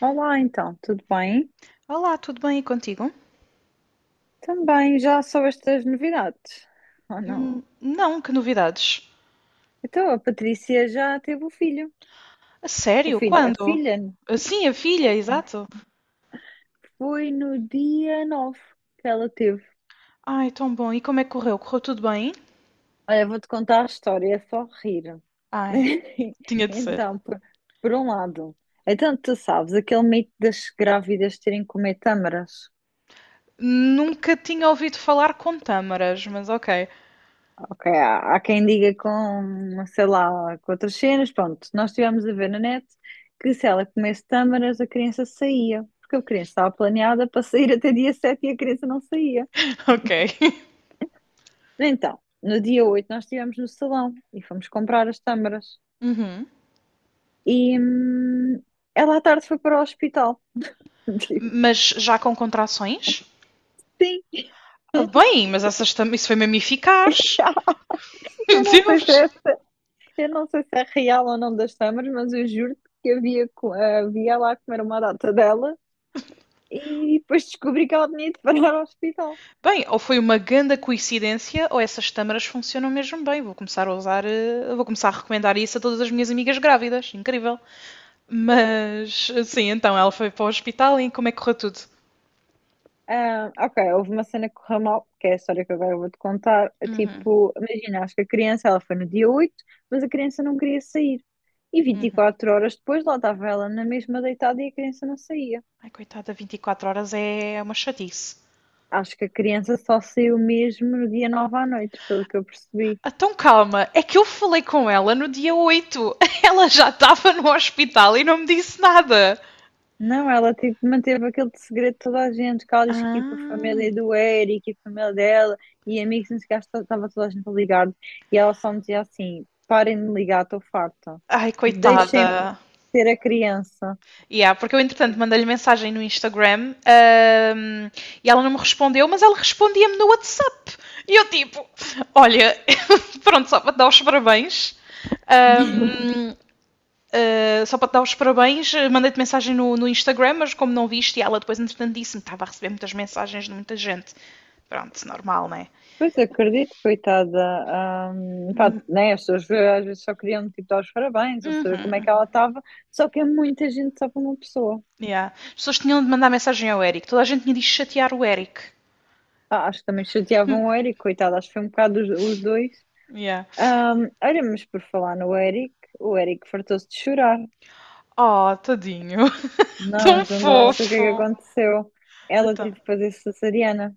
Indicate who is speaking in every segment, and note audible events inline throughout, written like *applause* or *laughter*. Speaker 1: Olá, então, tudo bem?
Speaker 2: Olá, tudo bem aí contigo?
Speaker 1: Também já soubeste das novidades? Ou não?
Speaker 2: Não, que novidades?
Speaker 1: Então, a Patrícia já teve o filho.
Speaker 2: A
Speaker 1: O
Speaker 2: sério?
Speaker 1: filho, a
Speaker 2: Quando?
Speaker 1: filha, né?
Speaker 2: Sim, a filha, exato.
Speaker 1: Foi no dia 9 que ela teve.
Speaker 2: Ai, tão bom. E como é que correu? Correu tudo bem?
Speaker 1: Olha, vou-te contar a história, é só rir.
Speaker 2: Ai,
Speaker 1: *laughs*
Speaker 2: tinha de ser.
Speaker 1: Então, por um lado, então tu sabes aquele mito das grávidas terem que comer tâmaras?
Speaker 2: Nunca tinha ouvido falar com tâmaras, mas ok.
Speaker 1: Ok, há quem diga com, sei lá, com outras cenas, pronto, nós estivemos a ver na net que se ela comesse tâmaras a criança saía, porque a criança estava planeada para sair até dia 7 e a criança não saía.
Speaker 2: *laughs* Ok.
Speaker 1: Então, no dia 8 nós estivemos no salão e fomos comprar as tâmaras
Speaker 2: Uhum.
Speaker 1: e ela à tarde foi para o hospital. *laughs*
Speaker 2: Mas já com contrações?
Speaker 1: Tipo,
Speaker 2: Bem, mas isso foi mesmo eficaz. *laughs*
Speaker 1: sim,
Speaker 2: Meu Deus!
Speaker 1: eu não sei se é real ou não das tâmaras, mas eu juro que havia, havia lá a comer uma data dela. E depois descobri que ela tinha de parar ao hospital.
Speaker 2: Bem, ou foi uma grande coincidência, ou essas tâmaras funcionam mesmo bem. Vou começar a usar, vou começar a recomendar isso a todas as minhas amigas grávidas. Incrível. Mas, sim, então ela foi para o hospital e como é que correu tudo?
Speaker 1: Ah, ok, houve uma cena que correu mal, que é a história que agora eu vou-te contar.
Speaker 2: Uhum.
Speaker 1: Tipo, imagina, acho que a criança, ela foi no dia 8, mas a criança não queria sair. E 24 horas depois, lá estava ela na mesma deitada e a criança não saía.
Speaker 2: Ai, coitada, 24 horas é uma chatice.
Speaker 1: Acho que a criança só saiu mesmo no dia 9 à noite, pelo que eu percebi.
Speaker 2: Então calma, é que eu falei com ela no dia 8. *laughs* Ela já estava no hospital e não me disse nada.
Speaker 1: Não, ela tipo, manteve aquele segredo de toda a gente, que ela disse que tipo, a
Speaker 2: Ah.
Speaker 1: família do Eric e a família dela e amigos, não sei o que, acho que estava toda a gente a, e ela só me dizia assim, parem de me ligar, estou farta,
Speaker 2: Ai,
Speaker 1: tipo, deixem-me
Speaker 2: coitada.
Speaker 1: ter a criança.
Speaker 2: Yeah, porque eu, entretanto, mandei-lhe mensagem no Instagram e ela não me respondeu, mas ela respondia-me no WhatsApp. E eu, tipo, olha, *laughs* pronto, só para te dar os parabéns. ahm, só para te dar os parabéns, mandei-te mensagem no Instagram, mas como não viste, e ela depois, entretanto, disse-me que estava a receber muitas mensagens de muita gente. Pronto, normal, né?
Speaker 1: Pois acredito, coitada, pá,
Speaker 2: Uhum.
Speaker 1: né, as pessoas às vezes só queriam tipo, dar os parabéns ou saber como é que ela estava, só que é muita gente só para uma pessoa.
Speaker 2: Yeah. As pessoas tinham de mandar mensagem ao Eric. Toda a gente tinha de chatear o Eric.
Speaker 1: Ah, acho que também chateavam o Eric, coitado, acho que foi um bocado os dois.
Speaker 2: Yeah.
Speaker 1: Olha, mas por falar no Eric, o Eric fartou-se de chorar.
Speaker 2: Oh, tadinho. *laughs*
Speaker 1: Não,
Speaker 2: Tão
Speaker 1: mas não dá sei o que é que
Speaker 2: fofo.
Speaker 1: aconteceu. Ela
Speaker 2: Então.
Speaker 1: teve que fazer cesariana,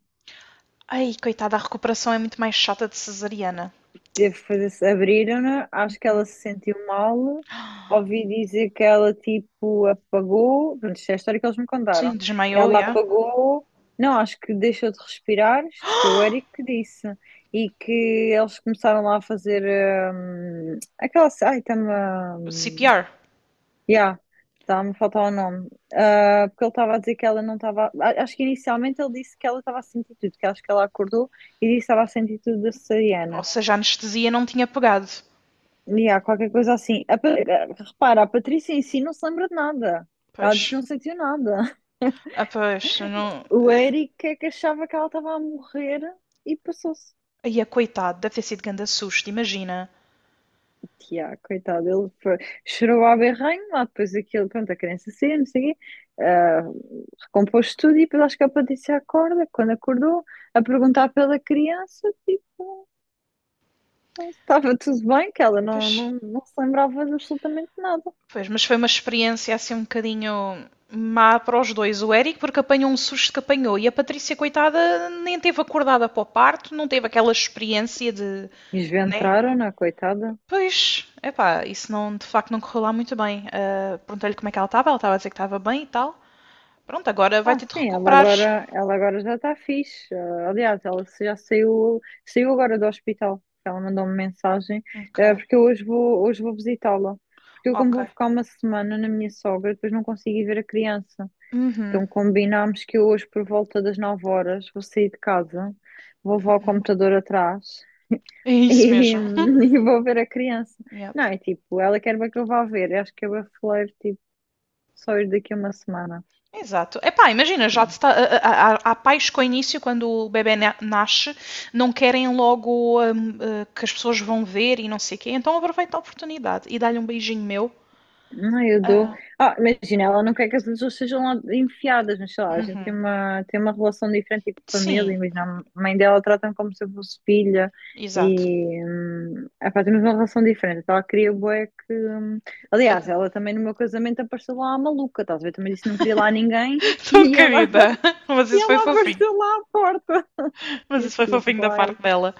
Speaker 2: Ai, coitada, a recuperação é muito mais chata de cesariana.
Speaker 1: teve que fazer, abriram-na, acho que ela se sentiu mal. Ouvi dizer que ela tipo apagou, pronto, isto é a história que eles me contaram,
Speaker 2: Sim,
Speaker 1: que
Speaker 2: desmaiou,
Speaker 1: ela
Speaker 2: já.
Speaker 1: apagou, não, acho que deixou de respirar, isto foi o Eric que disse, e que eles começaram lá a fazer aquela, ai, está.
Speaker 2: CPR.
Speaker 1: Yeah, tá me faltar o nome. Ah, porque ele estava a dizer que ela não estava. Acho que inicialmente ele disse que ela estava a sentir tudo, que acho que ela acordou e disse que estava a sentir tudo da
Speaker 2: Ou
Speaker 1: cesariana.
Speaker 2: seja, a anestesia não tinha pegado.
Speaker 1: E há qualquer coisa assim. Repara, a Patrícia em si não se lembra de nada. Ela
Speaker 2: Pois.
Speaker 1: diz que não sentiu nada. *laughs*
Speaker 2: Ah, pois, não.
Speaker 1: O Eric é que achava que ela estava a morrer e passou-se.
Speaker 2: Ai, a coitada deve ter sido grande susto, imagina.
Speaker 1: Yeah, coitado, chorou à berranho, lá depois aquilo, pronto, a criança saiu, não sei o quê, ah, recompôs tudo e depois acho que a Patrícia acorda, quando acordou, a perguntar pela criança, tipo, se estava tudo bem, que ela
Speaker 2: Pois.
Speaker 1: não se lembrava de absolutamente nada.
Speaker 2: Pois, mas foi uma experiência assim um bocadinho má para os dois. O Eric, porque apanhou um susto que apanhou, e a Patrícia, coitada, nem teve acordada para o parto, não teve aquela experiência de. Né?
Speaker 1: Esventraram-na, coitada.
Speaker 2: Pois, epá, isso não, de facto não correu lá muito bem. Ah, perguntei-lhe como é que ela estava a dizer que estava bem e tal. Pronto, agora vai
Speaker 1: Ah,
Speaker 2: ter de
Speaker 1: sim,
Speaker 2: recuperares.
Speaker 1: ela agora já está fixe. Ah, aliás, ela já saiu, saiu agora do hospital. Ela mandou-me mensagem,
Speaker 2: Ok,
Speaker 1: eh, porque hoje vou visitá-la. Porque eu, como
Speaker 2: ok.
Speaker 1: vou ficar uma semana na minha sogra, depois não consigo ir ver a criança.
Speaker 2: Uhum.
Speaker 1: Então combinámos que eu hoje, por volta das 9 horas, vou sair de casa, vou levar o computador atrás
Speaker 2: É
Speaker 1: *laughs*
Speaker 2: isso
Speaker 1: e,
Speaker 2: mesmo. *laughs*
Speaker 1: e vou ver a criança.
Speaker 2: Yep.
Speaker 1: Não, é tipo, ela quer bem que eu vá ver. Eu acho que eu vou falar tipo, só ir daqui a uma semana.
Speaker 2: Exato. Epá, imagina, já te está, há, há- há pais que ao início, quando nasce, não querem logo que as pessoas vão ver e não sei o quê, então aproveita a oportunidade e dá-lhe um beijinho meu.
Speaker 1: Não, eu dou.
Speaker 2: Ah,
Speaker 1: Ah, imagina, ela não quer que as pessoas sejam lá enfiadas, mas sei lá, a gente tem tem uma relação diferente, tipo família.
Speaker 2: sim,
Speaker 1: Imagina, a mãe dela trata-me como se eu fosse filha
Speaker 2: exato.
Speaker 1: e. Epá, temos uma relação diferente. Então ela queria bué que. Aliás, ela também no meu casamento apareceu lá a maluca, estás a ver? Também disse que não queria lá ninguém
Speaker 2: *laughs*
Speaker 1: *laughs*
Speaker 2: Tão
Speaker 1: e ela,
Speaker 2: querida. Mas
Speaker 1: e
Speaker 2: isso foi
Speaker 1: ela
Speaker 2: fofinho.
Speaker 1: apareceu lá à porta. *laughs* E
Speaker 2: Mas
Speaker 1: eu
Speaker 2: isso foi fofinho
Speaker 1: tipo,
Speaker 2: da
Speaker 1: ai.
Speaker 2: parte dela.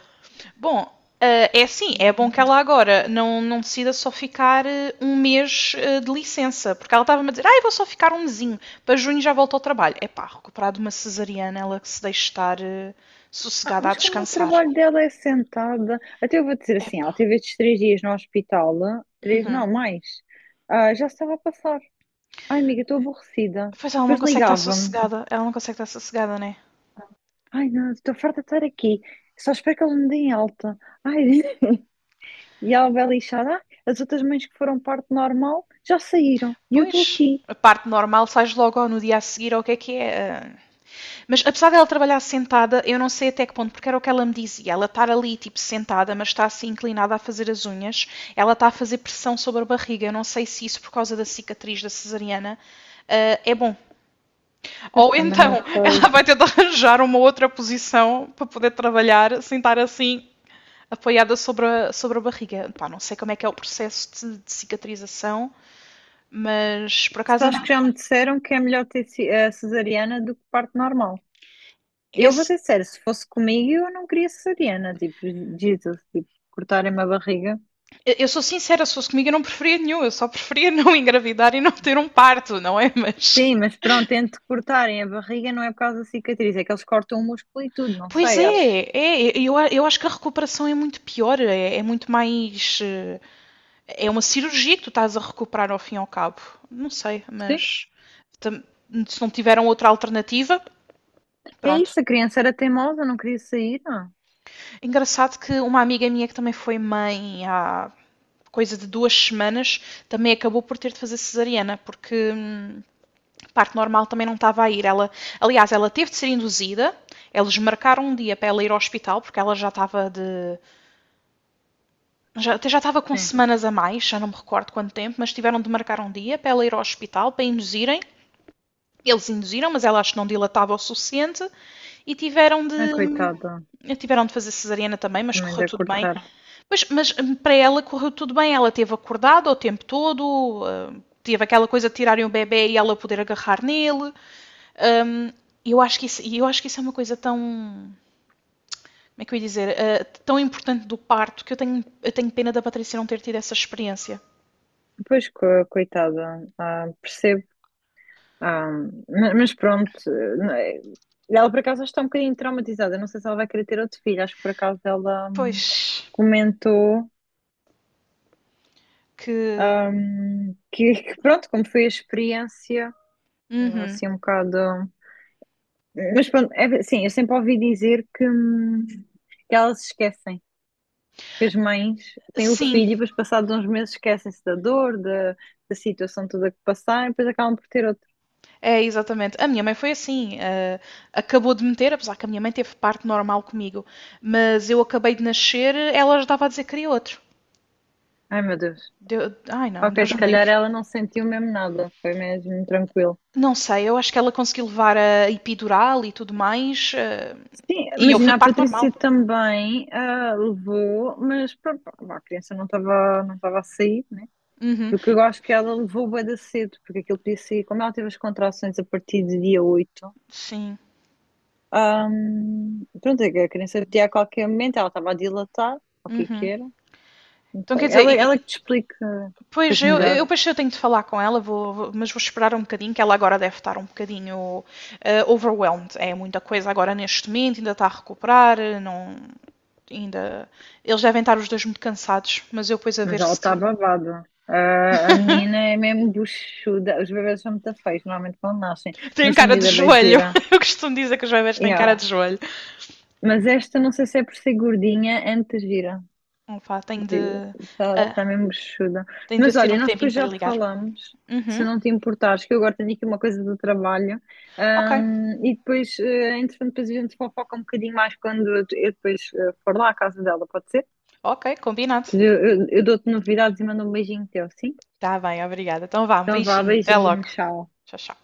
Speaker 2: Bom, é assim, é bom que ela agora não, não decida só ficar 1 mês de licença, porque ela estava-me a dizer, ah, eu vou só ficar um mesinho, para junho já volto ao trabalho. Epá, recuperar de uma cesariana, ela que se deixe estar
Speaker 1: Ah,
Speaker 2: sossegada a
Speaker 1: mas como o
Speaker 2: descansar.
Speaker 1: trabalho dela é sentada, até eu vou dizer assim,
Speaker 2: Epá.
Speaker 1: ela teve estes 3 dias no hospital, ah, 3
Speaker 2: Uhum.
Speaker 1: não, mais, ah, já estava a passar. Ai, amiga, estou aborrecida.
Speaker 2: Pois
Speaker 1: Depois ligava-me.
Speaker 2: ela não consegue estar sossegada, né?
Speaker 1: Ai, não, estou farta de estar aqui. Só espero que eles me deem alta. Ai, *laughs* e ela vai lixada. Ah, as outras mães que foram parte normal já saíram. E eu estou
Speaker 2: Pois,
Speaker 1: aqui.
Speaker 2: a parte normal sais logo no dia a seguir, ou o que é que é? Eh, Mas apesar dela trabalhar sentada, eu não sei até que ponto, porque era o que ela me dizia. Ela está ali, tipo, sentada, mas está assim inclinada a fazer as unhas, ela está a fazer pressão sobre a barriga. Eu não sei se isso, por causa da cicatriz da cesariana. É bom.
Speaker 1: Pois
Speaker 2: Ou
Speaker 1: também não
Speaker 2: então *laughs* ela
Speaker 1: sei.
Speaker 2: vai ter de arranjar uma outra posição para poder trabalhar sentar assim apoiada sobre sobre a barriga. Pá, não sei como é que é o processo de cicatrização, mas por
Speaker 1: Só
Speaker 2: acaso
Speaker 1: acho que já me disseram que é melhor ter cesariana do que parte normal. Eu vou
Speaker 2: esse.
Speaker 1: ser sincera, se fosse comigo, eu não queria cesariana, tipo, Jesus, tipo, cortarem-me a barriga.
Speaker 2: Eu sou sincera, se fosse comigo eu não preferia nenhum, eu só preferia *laughs* não engravidar e não ter um parto, não é? Mas.
Speaker 1: Sim, mas pronto, entre cortarem a barriga não é por causa da cicatriz, é que eles cortam o músculo e tudo, não
Speaker 2: Pois
Speaker 1: sei, acho.
Speaker 2: é, eu acho que a recuperação é muito pior, é muito mais. Eh, É uma cirurgia que tu estás a recuperar ao fim e ao cabo. Não sei,
Speaker 1: Sim.
Speaker 2: mas. Se não tiveram outra alternativa,
Speaker 1: É
Speaker 2: pronto.
Speaker 1: isso, a criança era teimosa, não queria sair. Não.
Speaker 2: Engraçado que uma amiga minha que também foi mãe há coisa de 2 semanas também acabou por ter de fazer cesariana, porque parto normal também não estava a ir. Ela, aliás, ela teve de ser induzida. Eles marcaram um dia para ela ir ao hospital, porque ela já estava de. Já, até já estava com
Speaker 1: Sim.
Speaker 2: semanas a mais, já não me recordo quanto tempo, mas tiveram de marcar um dia para ela ir ao hospital para induzirem. Eles induziram, mas ela acho que não dilatava o suficiente e tiveram de.
Speaker 1: Ah, coitada,
Speaker 2: Tiveram de fazer cesariana também, mas
Speaker 1: também
Speaker 2: correu
Speaker 1: da
Speaker 2: tudo bem.
Speaker 1: cortar.
Speaker 2: Mas, mas para ela correu tudo bem, ela teve acordada o tempo todo. Teve aquela coisa de tirarem o bebê e ela poder agarrar nele. Um, eu acho que isso, eu acho que isso é uma coisa tão, como é que eu ia dizer, tão importante do parto que eu tenho pena da Patrícia não ter tido essa experiência.
Speaker 1: Pois, coitada, ah, percebo. Ah, mas pronto, não é- ela por acaso está um bocadinho traumatizada, não sei se ela vai querer ter outro filho, acho que por acaso ela
Speaker 2: Pois.
Speaker 1: comentou.
Speaker 2: Que.
Speaker 1: Que pronto, como foi a experiência,
Speaker 2: Uhum.
Speaker 1: assim um bocado. Mas pronto, é, sim, eu sempre ouvi dizer que elas se esquecem, que as mães têm o
Speaker 2: Sim,
Speaker 1: filho e depois, passados uns meses, esquecem-se da dor, da situação toda que passaram e depois acabam por ter outro.
Speaker 2: é exatamente. A minha mãe foi assim. Uh, acabou de meter, apesar que a minha mãe teve parto normal comigo, mas eu acabei de nascer, ela já estava a dizer que queria outro.
Speaker 1: Ai meu Deus.
Speaker 2: Ai não,
Speaker 1: Ok,
Speaker 2: Deus
Speaker 1: se
Speaker 2: me
Speaker 1: calhar
Speaker 2: livre.
Speaker 1: ela não sentiu mesmo nada, foi mesmo tranquilo.
Speaker 2: Não sei, eu acho que ela conseguiu levar a epidural e tudo mais,
Speaker 1: Sim,
Speaker 2: e eu fui
Speaker 1: imagina, a
Speaker 2: parto normal.
Speaker 1: Patrícia também ah, levou, mas pronto, pá, a criança não estava a sair.
Speaker 2: Uhum.
Speaker 1: Porque eu acho que ela levou bué da cedo, porque aquilo podia ser como ela teve as contrações a partir de dia 8,
Speaker 2: Sim.
Speaker 1: pronto, é que a criança podia a qualquer momento, ela estava a dilatar, ou o que é que
Speaker 2: Uhum.
Speaker 1: era, não
Speaker 2: Então quer
Speaker 1: sei.
Speaker 2: dizer,
Speaker 1: Ela que te explica
Speaker 2: pois
Speaker 1: depois melhor,
Speaker 2: eu depois eu tenho de falar com ela, mas vou esperar um bocadinho, que ela agora deve estar um bocadinho overwhelmed. É muita coisa agora neste momento, ainda está a recuperar, eh, não, ainda. Eles devem estar os dois muito cansados, mas eu depois a
Speaker 1: mas
Speaker 2: ver
Speaker 1: ela
Speaker 2: se
Speaker 1: está
Speaker 2: tiro.
Speaker 1: babada. Ah, a menina é mesmo buchuda, os bebês são muito feios, normalmente quando nascem,
Speaker 2: *laughs* Tem
Speaker 1: mas a
Speaker 2: cara de
Speaker 1: vida bem
Speaker 2: joelho.
Speaker 1: gira,
Speaker 2: *laughs* Eu costumo dizer que os bebés têm cara
Speaker 1: yeah.
Speaker 2: de joelho.
Speaker 1: Mas esta não sei se é por ser gordinha, antes gira.
Speaker 2: Opa, tenho de.
Speaker 1: Está tá
Speaker 2: Ah,
Speaker 1: tá mesmo bichuda.
Speaker 2: tenho de ver
Speaker 1: Mas
Speaker 2: se tiro
Speaker 1: olha,
Speaker 2: um
Speaker 1: nós
Speaker 2: tempinho
Speaker 1: depois
Speaker 2: para lhe
Speaker 1: já
Speaker 2: ligar.
Speaker 1: falamos,
Speaker 2: Uhum.
Speaker 1: se não te importares, que eu agora tenho aqui uma coisa do trabalho.
Speaker 2: Ok,
Speaker 1: E depois, eh, entretanto, depois a gente fofoca um bocadinho mais quando eu depois for lá à casa dela, pode ser?
Speaker 2: ok, combinado.
Speaker 1: Depois eu dou-te novidades e mando um beijinho teu, sim?
Speaker 2: Tá bem, obrigada. Então vá, um
Speaker 1: Então vá,
Speaker 2: beijinho, até
Speaker 1: beijinho,
Speaker 2: logo.
Speaker 1: tchau.
Speaker 2: Tchau, tchau.